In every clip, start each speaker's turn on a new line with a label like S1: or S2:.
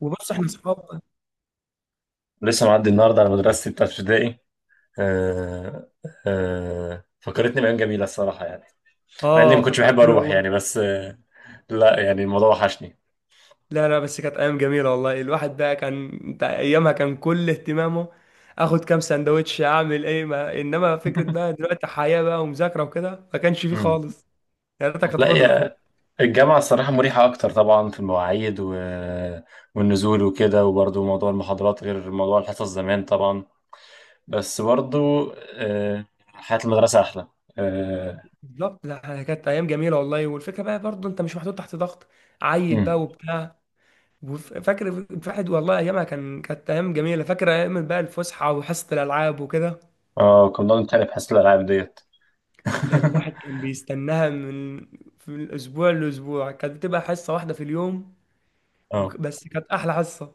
S1: وبص احنا صحاب.
S2: لسه معدي النهارده على مدرستي بتاعت ابتدائي. آه، فكرتني بأيام جميلة الصراحة يعني. مع إني
S1: اه،
S2: ما كنتش بحب
S1: فكرتني
S2: أروح
S1: والله.
S2: يعني بس. لا يعني الموضوع وحشني.
S1: لا لا، بس كانت ايام جميله والله، الواحد بقى كان انت ايامها كان كل اهتمامه اخد كام سندوتش اعمل ايه، ما انما فكره بقى دلوقتي حياه بقى ومذاكره وكده ما كانش فيه
S2: مم.
S1: خالص. يا ريتها كانت
S2: لا
S1: فضلت
S2: يا.
S1: والله.
S2: الجامعة الصراحة مريحة أكتر طبعا في المواعيد، و... والنزول وكده، وبرضو موضوع المحاضرات غير موضوع الحصص زمان طبعا. بس برضو، حياة المدرسة أحلى. اه.
S1: بالظبط، لا كانت ايام جميله والله، والفكره بقى برضه انت مش محطوط تحت ضغط عيل بقى
S2: مم.
S1: وبتاع. فاكر الواحد والله ايامها كانت ايام جميله، فاكر ايام بقى الفسحه وحصه الالعاب وكده.
S2: كنا بنتخانق في حصة الألعاب ديت.
S1: ده الواحد كان بيستناها في الأسبوع لأسبوع، كانت بتبقى حصة واحدة في اليوم.
S2: اه،
S1: بس كانت أحلى حصة.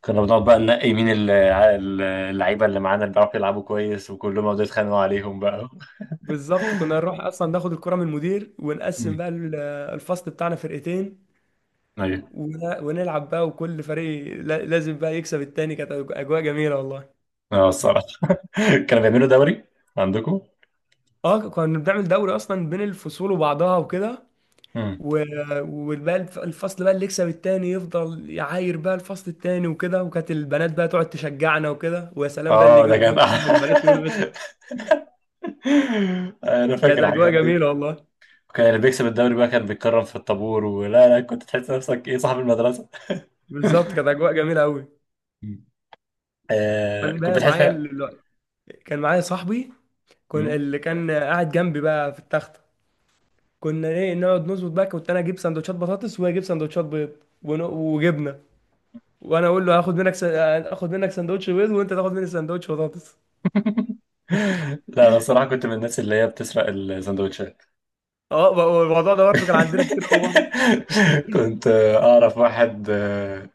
S2: كنا بنقعد بقى ننقي مين اللعيبه اللي معانا، اللي بيعرفوا يلعبوا كويس، وكلهم يقعدوا يتخانقوا عليهم بقى.
S1: بالظبط، كنا نروح أصلا ناخد الكرة من المدير ونقسم
S2: امم
S1: بقى الفصل بتاعنا فرقتين،
S2: ايوه.
S1: ونلعب بقى وكل فريق لازم بقى يكسب التاني، كانت أجواء جميلة والله.
S2: اه، الصراحه. كانوا بيعملوا دوري عندكم؟
S1: اه، كنا بنعمل دوري أصلا بين الفصول وبعضها وكده.
S2: امم
S1: و- وبقى الفصل بقى اللي يكسب التاني يفضل يعاير بقى الفصل التاني وكده، وكانت البنات بقى تقعد تشجعنا وكده، ويا سلام بقى اللي
S2: اه.
S1: يجيب
S2: ده كانت،
S1: جول بقى والبنات يقولوا بس.
S2: انا
S1: كانت
S2: فاكر
S1: اجواء
S2: الحاجات دي.
S1: جميله والله.
S2: وكان اللي بيكسب الدوري بقى كان بيتكرم في الطابور، ولا لا؟ كنت تحس نفسك ايه، صاحب المدرسه.
S1: بالظبط، كانت اجواء جميله قوي.
S2: مم. آه،
S1: كان
S2: كنت
S1: بقى
S2: بتحس
S1: معايا
S2: فيها.
S1: ال... كان معايا صاحبي، كان
S2: مم.
S1: اللي كان قاعد جنبي بقى في التخته. كنا ايه نقعد نظبط بقى، كنت انا اجيب سندوتشات بطاطس وهو يجيب سندوتشات بيض وجبنه، وانا اقول له هاخد منك اخد منك سندوتش بيض وانت تاخد مني سندوتش بطاطس.
S2: لا، انا الصراحه كنت من الناس اللي هي بتسرق السندوتشات.
S1: اه الموضوع ده برضه كان عندنا كتير قوي برضه.
S2: كنت، اعرف واحد آه،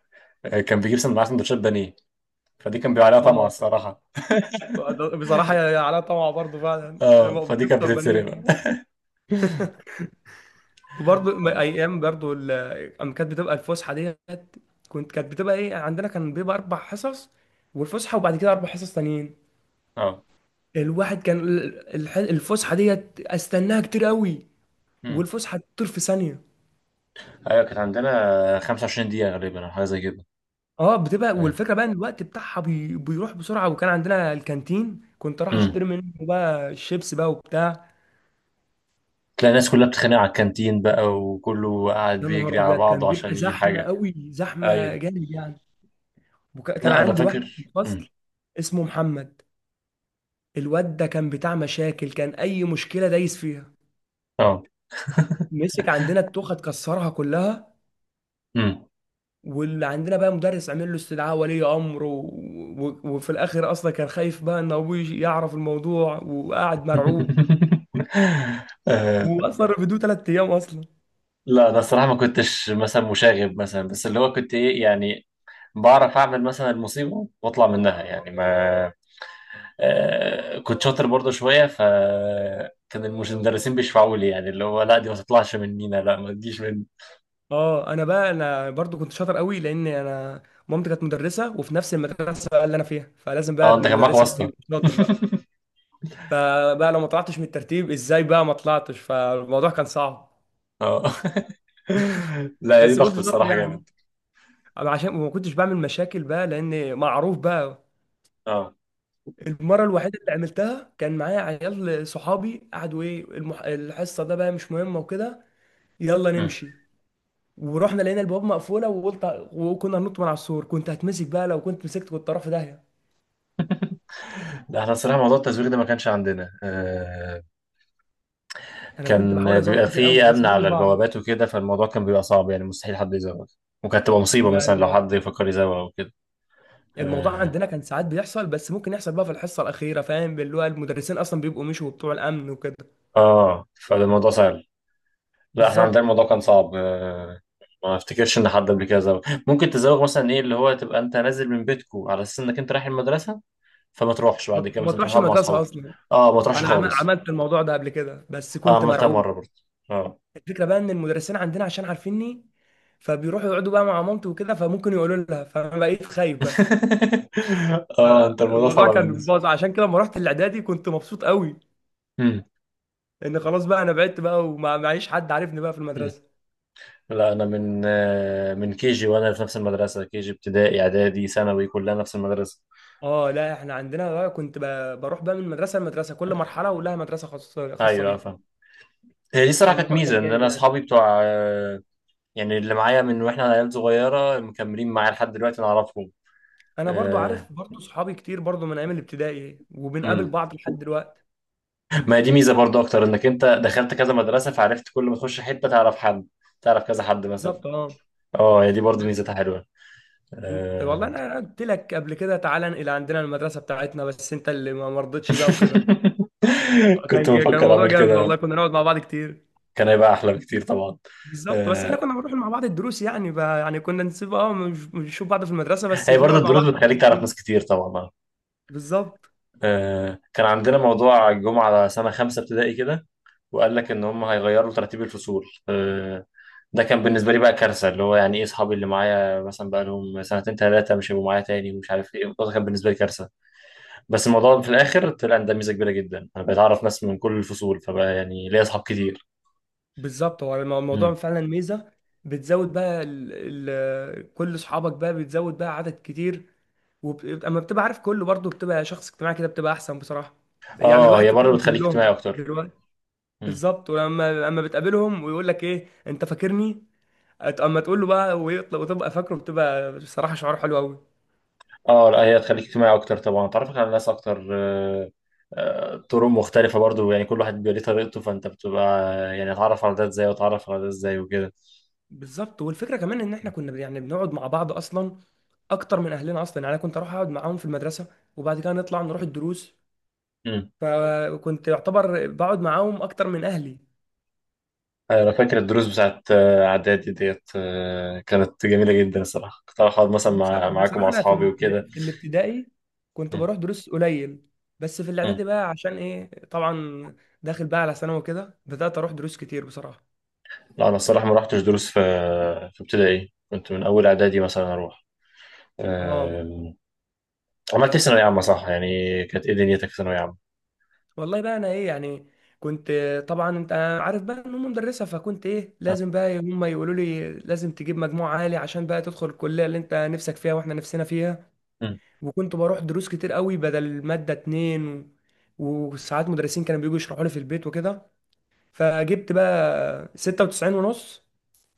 S2: آه، معاه سندوتشات بانيه. فدي كان بيبقى عليها طمع
S1: اه.
S2: الصراحه.
S1: بصراحة يا يا علاء طمع برضه فعلا
S2: اه،
S1: هو
S2: فدي كانت
S1: بيفطر
S2: بتتسرق بقى.
S1: بانيه. وبرضه
S2: اه.
S1: أيام برضه أما كانت بتبقى الفسحة ديت. كنت كانت بتبقى إيه، عندنا كان بيبقى 4 حصص والفسحة وبعد كده 4 حصص تانيين.
S2: آه.
S1: الواحد كان الفسحة ديت أستناها كتير قوي،
S2: امم
S1: والفسحة تطير في ثانية.
S2: ايوه، كانت عندنا 25 دقيقه غالبا او حاجه زي كده.
S1: اه، بتبقى والفكرة بقى إن الوقت بتاعها بيروح بسرعة، وكان عندنا الكانتين كنت راح
S2: امم
S1: أشتري منه بقى الشيبس بقى وبتاع.
S2: تلاقي الناس كلها بتتخانق على الكانتين بقى، وكله قاعد
S1: يا
S2: بيجري
S1: نهار
S2: على
S1: أبيض، كان
S2: بعضه
S1: بيبقى
S2: عشان يجيب
S1: زحمة
S2: حاجه.
S1: قوي، زحمة
S2: ايوه.
S1: جامد يعني. كان
S2: لا انا
S1: عندي واحد في
S2: فاكر.
S1: الفصل اسمه محمد. الواد ده كان بتاع مشاكل، كان اي مشكله دايس فيها،
S2: اه.
S1: مسك عندنا التوخه اتكسرها كلها،
S2: امم
S1: واللي عندنا بقى مدرس عمل له استدعاء ولي امر وفي الاخر اصلا كان خايف بقى ان ابوه يجي يعرف الموضوع وقاعد مرعوب،
S2: آه،
S1: واصلا رفدوه 3 ايام اصلا.
S2: لا انا الصراحه ما كنتش مثلا مشاغب مثلا، بس اللي هو كنت ايه يعني، بعرف اعمل مثلا المصيبه واطلع منها يعني ما. كنت شاطر برضه شويه، فكان المدرسين بيشفعوا لي، يعني اللي هو لا دي ما تطلعش مننا، لا ما تجيش مني.
S1: اه انا برضو كنت شاطر قوي، لان انا مامتي كانت مدرسه وفي نفس المدرسه بقى اللي انا فيها، فلازم بقى
S2: اه،
S1: ابن
S2: انت كان معاك
S1: المدرسه بقى
S2: واسطه.
S1: يبقى شاطر بقى. فبقى لو ما طلعتش من الترتيب، ازاي بقى ما طلعتش، فالموضوع كان صعب.
S2: اه. لا دي
S1: بس
S2: ضغط
S1: كنت شاطر
S2: الصراحه
S1: يعني.
S2: جامد.
S1: عشان ما كنتش بعمل مشاكل بقى لان معروف بقى.
S2: اه.
S1: المره الوحيده اللي عملتها كان معايا عيال صحابي قعدوا ايه، الحصه ده بقى مش مهمه وكده، يلا
S2: مم.
S1: نمشي. ورحنا لقينا البواب مقفوله وقلت، وكنا هننط من على السور، كنت هتمسك بقى، لو كنت مسكت كنت طرف داهيه.
S2: لا احنا الصراحه موضوع التزوير ده ما كانش عندنا.
S1: انا كنت بحاول
S2: كان بيبقى
S1: ازوق كتير قوي
S2: فيه
S1: بس
S2: امن
S1: ما كنتش
S2: على
S1: بعرف
S2: البوابات وكده، فالموضوع كان بيبقى صعب يعني، مستحيل حد يزوغ. وكانت تبقى مصيبه مثلا
S1: يعني.
S2: لو حد يفكر يزوغ او كده.
S1: الموضوع
S2: اه.
S1: عندنا كان ساعات بيحصل، بس ممكن يحصل بقى في الحصه الاخيره، فاهم اللي هو المدرسين اصلا بيبقوا مشوا بتوع الامن وكده.
S2: فالموضوع سهل. لا، احنا عندنا
S1: بالظبط،
S2: الموضوع كان صعب. ما افتكرش ان حد قبل كده زوغ. ممكن تزوغ مثلا، ايه اللي هو، تبقى انت نازل من بيتكو على اساس انك انت رايح المدرسه، فما تروحش بعد كده،
S1: ما
S2: مثلا تروح
S1: تروحش
S2: تقعد مع
S1: المدرسه
S2: اصحابك.
S1: اصلا.
S2: اه، ما تروحش
S1: انا
S2: خالص.
S1: عملت الموضوع ده قبل كده بس
S2: اه،
S1: كنت
S2: عملتها
S1: مرعوب.
S2: مره برضه. اه.
S1: الفكره بقى ان المدرسين عندنا عشان عارفيني فبيروحوا يقعدوا بقى مع مامتي وكده، فممكن يقولوا لها، فانا بقيت خايف بقى.
S2: اه، انت الموضوع
S1: الموضوع
S2: صعب
S1: كان
S2: بالنسبه.
S1: باظ، عشان كده لما رحت الاعدادي كنت مبسوط قوي.
S2: مم.
S1: ان خلاص بقى انا بعدت بقى ومعيش حد عارفني بقى في
S2: مم.
S1: المدرسه.
S2: لا انا من، من كي جي، وانا في نفس المدرسه، كي جي ابتدائي اعدادي ثانوي كلها نفس المدرسه.
S1: اه، لا احنا عندنا بقى كنت بروح بقى من مدرسه لمدرسه، كل مرحله ولها مدرسه خاصه خاصه
S2: ايوه
S1: بيها،
S2: فاهم. هي دي صراحه كانت
S1: فالموضوع
S2: ميزه،
S1: كان
S2: ان
S1: جامد
S2: انا
S1: يعني.
S2: اصحابي بتوع، يعني اللي معايا من واحنا عيال صغيرة مكملين معايا لحد دلوقتي، نعرفهم.
S1: انا برضو
S2: آه.
S1: عارف برضو صحابي كتير برضو من ايام الابتدائي، وبنقابل
S2: مم.
S1: بعض لحد دلوقتي.
S2: ما هي دي ميزة برضو أكتر، إنك أنت دخلت كذا مدرسة، فعرفت كل ما تخش حتة تعرف حد، تعرف كذا حد مثلا.
S1: بالظبط اه.
S2: اه، هي دي برضو ميزتها حلوة.
S1: انت والله
S2: آه.
S1: أنا قلت لك قبل كده تعالى انقل عندنا المدرسه بتاعتنا، بس انت اللي ما مرضتش بقى وكده.
S2: كنت
S1: كان
S2: بفكر
S1: الموضوع
S2: أعمل
S1: جامد
S2: كده.
S1: والله، كنا نقعد مع بعض كتير.
S2: كان هيبقى أحلى بكتير طبعا.
S1: بالظبط، بس احنا
S2: آه.
S1: كنا بنروح مع بعض الدروس يعني بقى، يعني كنا نسيب اه، مش بنشوف بعض في المدرسه بس
S2: هي برضو
S1: بنقعد مع
S2: الدروس
S1: بعض
S2: بتخليك
S1: كتير.
S2: تعرف ناس كتير طبعا.
S1: بالظبط.
S2: آه. كان عندنا موضوع الجمعة على سنة خمسة ابتدائي كده، وقال لك ان هم هيغيروا ترتيب الفصول. ده كان بالنسبه لي بقى كارثه، اللي هو يعني ايه، اصحابي اللي معايا مثلا بقى لهم سنتين ثلاثه مش هيبقوا معايا تاني، ومش عارف ايه، الموضوع ده كان بالنسبه لي كارثه. بس الموضوع في الاخر طلع ان ده ميزه كبيره جدا، انا بقيت اعرف ناس من كل الفصول، فبقى يعني ليا اصحاب كتير.
S1: بالظبط، هو الموضوع
S2: مم.
S1: فعلا ميزه. بتزود بقى كل اصحابك بقى بتزود بقى عدد كتير. اما بتبقى عارف كله برضه بتبقى شخص اجتماعي كده، بتبقى احسن بصراحه. يعني
S2: اه،
S1: الواحد
S2: هي برضه
S1: فاكرهم
S2: بتخليك اجتماعي
S1: كلهم
S2: اكتر.
S1: دلوقتي.
S2: مم.
S1: بالظبط، ولما اما بتقابلهم ويقول لك ايه انت فاكرني، اما تقول له بقى ويطلع وتبقى فاكره، بتبقى بصراحه شعور حلو قوي.
S2: اه، لا هي تخليك اجتماعي اكتر طبعا، تعرفك على ناس اكتر. طرق مختلفة برضو، يعني كل واحد بيبقى ليه طريقته، فانت بتبقى يعني اتعرف على ده ازاي، واتعرف على ده ازاي وكده.
S1: بالظبط. والفكره كمان ان احنا كنا يعني بنقعد مع بعض اصلا اكتر من اهلنا اصلا، يعني انا كنت اروح اقعد معاهم في المدرسه وبعد كده نطلع نروح الدروس،
S2: مم.
S1: فكنت يعتبر بقعد معاهم اكتر من اهلي.
S2: أيوة، انا فاكر الدروس بتاعت، اعدادي ديت، كانت جميله جدا الصراحه، كنت أروح اقعد مثلا
S1: طب
S2: مع معاكم مع
S1: بصراحه انا
S2: اصحابي وكده.
S1: في الابتدائي كنت
S2: مم.
S1: بروح دروس قليل، بس في
S2: مم.
S1: الاعدادي بقى عشان ايه طبعا، داخل بقى على ثانوي كده، بدات اروح دروس كتير بصراحه.
S2: لا انا الصراحه ما رحتش دروس في ابتدائي، كنت من اول اعدادي مثلا اروح.
S1: اه،
S2: آم، عملت ايه في ثانويه عامه، صح يعني؟ كانت ايه دنيتك في ثانويه عامه؟
S1: والله بقى انا ايه يعني، كنت طبعا انت عارف بقى ان هم مدرسه، فكنت ايه
S2: آه،
S1: لازم بقى هم يقولوا لي لازم تجيب مجموع عالي عشان بقى تدخل الكليه اللي انت نفسك فيها واحنا نفسنا فيها.
S2: مم.
S1: وكنت بروح دروس كتير قوي بدل مادة 2 و... وساعات مدرسين كانوا بييجوا يشرحوا لي في البيت وكده. فجبت بقى 96.5،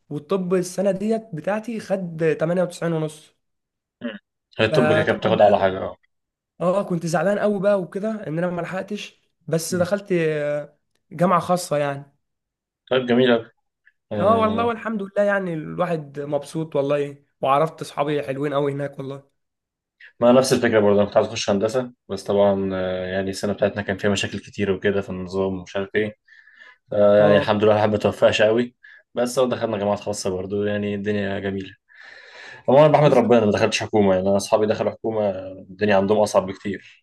S1: والطب السنة ديت بتاعتي خد 98.5.
S2: مم. هي الطب كده كده
S1: فطبعا
S2: بتاخد على
S1: بقى
S2: حاجه. اه.
S1: اه كنت زعلان قوي بقى وكده ان انا ما لحقتش، بس
S2: مم.
S1: دخلت آه، جامعة خاصة يعني.
S2: طيب جميل أوي.
S1: اه والله
S2: آه،
S1: والحمد لله يعني الواحد مبسوط والله، وعرفت اصحابي حلوين قوي هناك والله.
S2: ما نفس الفكره برضه، انا كنت عايز اخش هندسه، بس طبعا، يعني السنه بتاعتنا كان فيها مشاكل كتير وكده في النظام، ومش عارف ايه. يعني
S1: اه
S2: الحمد لله، الواحد ما توفقش قوي. بس هو دخلنا جامعات خاصة برضو، يعني الدنيا جميلة. هو أنا بحمد ربنا ما دخلتش حكومة، يعني أنا أصحابي دخلوا حكومة، الدنيا عندهم أصعب بكتير.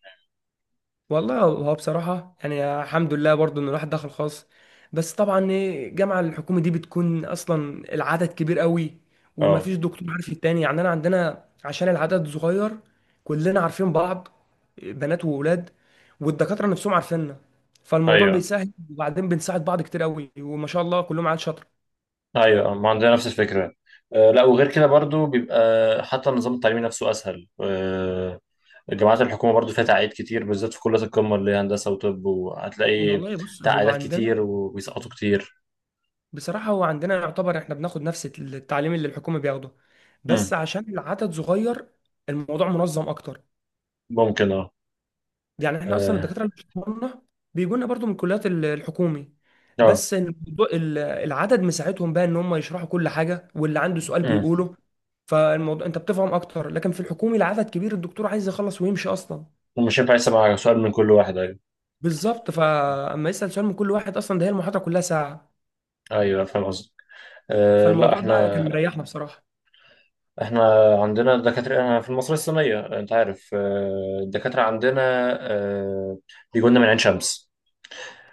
S1: والله، هو بصراحة يعني الحمد لله برضو إن الواحد دخل خاص، بس طبعا إيه، الجامعة الحكومي دي بتكون أصلا العدد كبير قوي،
S2: أه.
S1: ومفيش دكتور عارف التاني. يعني أنا عندنا عشان العدد صغير، كلنا عارفين بعض، بنات وولاد، والدكاترة نفسهم عارفيننا، فالموضوع
S2: أيوه.
S1: بيسهل. وبعدين بنساعد بعض كتير قوي، وما شاء الله كلهم عيال شاطرة.
S2: أيوه، ما عندنا نفس الفكرة. أه، لا وغير كده برضو بيبقى حتى النظام التعليمي نفسه أسهل. أه. جامعات الحكومة برضو فيها تعقيد كتير، بالذات في كليات القمة اللي هي هندسة وطب، وهتلاقي
S1: والله بص هو
S2: تعقيدات كتير
S1: عندنا
S2: وبيسقطوا كتير.
S1: بصراحة، هو عندنا يعتبر إحنا بناخد نفس التعليم اللي الحكومة بياخده، بس
S2: مم.
S1: عشان العدد صغير الموضوع منظم أكتر.
S2: ممكن. أه.
S1: يعني احنا اصلا
S2: أه.
S1: الدكاتره اللي بيشرحولنا بيجونا برضو من الكليات الحكومي،
S2: آه.
S1: بس الموضوع العدد مساعدهم بقى ان هم يشرحوا كل حاجه واللي عنده سؤال
S2: مم.
S1: بيقوله، فالموضوع انت بتفهم اكتر. لكن في الحكومي العدد كبير، الدكتور عايز يخلص ويمشي اصلا.
S2: ومش هينفع يسمع سؤال من كل واحد، أيوه.
S1: بالظبط، فاما يسال سؤال من كل واحد اصلا، ده هي المحاضره كلها ساعه.
S2: أيوه فاهم قصدي. لا
S1: فالموضوع
S2: احنا
S1: ده كان مريحنا بصراحه.
S2: احنا عندنا دكاترة، انا في المصرية الصينية، انت عارف، الدكاترة عندنا آه، بيجوا لنا من عين شمس.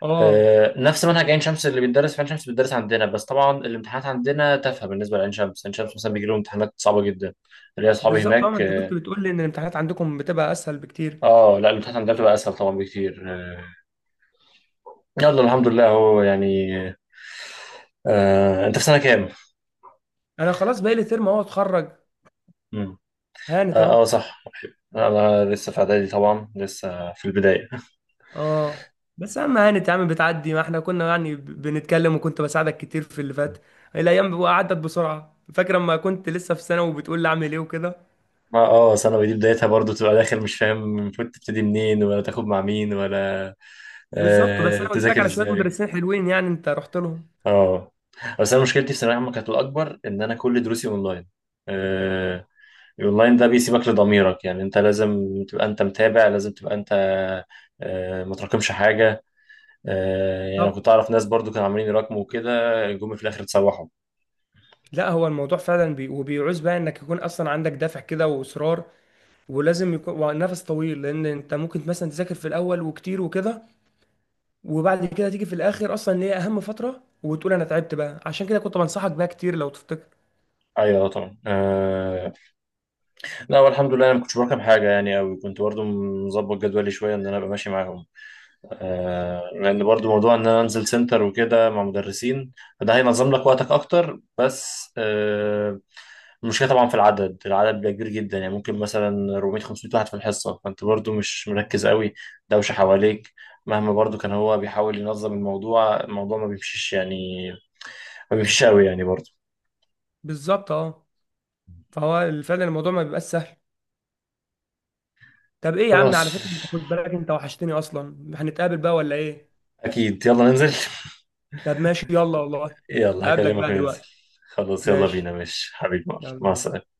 S1: اه.
S2: نفس منهج عين شمس اللي بيتدرس في عين شمس بيتدرس عندنا، بس طبعا الامتحانات عندنا تافهة بالنسبة لعين شمس، عين شمس مثلا بيجي لهم امتحانات صعبة جدا، اللي هي اصحابي
S1: بالظبط اه، ما
S2: هناك.
S1: انت
S2: اه.
S1: كنت بتقول لي ان الامتحانات عندكم بتبقى اسهل بكتير.
S2: لا الامتحانات عندنا بتبقى اسهل طبعا بكتير، يلا الحمد لله اهو يعني. انت في سنة كام؟
S1: انا خلاص بقالي ترم اهو اتخرج،
S2: مم.
S1: هانت
S2: اه. آه،
S1: اهو.
S2: صح. انا لسه في اعدادي طبعا، لسه في البداية.
S1: اه بس اهم يعني يا عم بتعدي، ما احنا كنا يعني بنتكلم وكنت بساعدك كتير في اللي فات، الايام عدت بسرعه، فاكر لما كنت لسه في ثانوي وبتقول لي اعمل ايه وكده.
S2: ما ثانوي دي بدايتها برضو، تبقى داخل مش فاهم المفروض تبتدي منين، ولا تاخد مع مين، ولا
S1: بالظبط، بس انا قلت لك
S2: تذاكر
S1: على شويه
S2: ازاي.
S1: مدرسين حلوين، يعني انت رحت لهم.
S2: اه، بس انا مشكلتي في ثانويه عامه كانت الاكبر ان انا كل دروسي اونلاين. آه الاونلاين ده بيسيبك لضميرك، يعني انت لازم تبقى انت متابع، لازم تبقى انت، ما تراكمش حاجه. يعني انا كنت
S1: بالظبط.
S2: اعرف ناس برضو كانوا عاملين يراكموا وكده، جم في الاخر اتسوحوا.
S1: لا هو الموضوع فعلا وبيعوز بقى انك يكون اصلا عندك دافع كده واصرار، ولازم يكون ونفس طويل، لان انت ممكن مثلا تذاكر في الاول وكتير وكده، وبعد كده تيجي في الاخر اصلا اللي هي اهم فتره وتقول انا تعبت بقى، عشان كده كنت بنصحك بقى كتير لو تفتكر.
S2: ايوه طبعا. لا والحمد لله انا ما كنتش براكم حاجه يعني قوي، كنت برضو مظبط جدولي شويه ان انا ابقى ماشي معاهم، لان برضو موضوع ان انا انزل سنتر وكده مع مدرسين، فده هينظم لك وقتك اكتر، بس، المشكله طبعا في العدد، العدد بيبقى كبير جدا، يعني ممكن مثلا 400 500 واحد في الحصه، فانت برضو مش مركز قوي، دوشه حواليك، مهما برضو كان هو بيحاول ينظم الموضوع، الموضوع ما بيمشيش يعني، ما بيمشيش قوي يعني برضو.
S1: بالظبط اه. فهو فعلا الموضوع ما بيبقاش سهل. طب ايه يا عم، على
S2: خلاص،
S1: فكره انت خد بالك انت وحشتني اصلا، هنتقابل بقى ولا ايه؟
S2: اكيد يلا ننزل.
S1: طب ماشي يلا والله،
S2: يلا
S1: اقابلك
S2: هكلمك
S1: بقى
S2: وننزل.
S1: دلوقتي.
S2: خلاص يلا بينا،
S1: ماشي،
S2: ماشي حبيبي، مع
S1: يلا بينا.
S2: السلامه.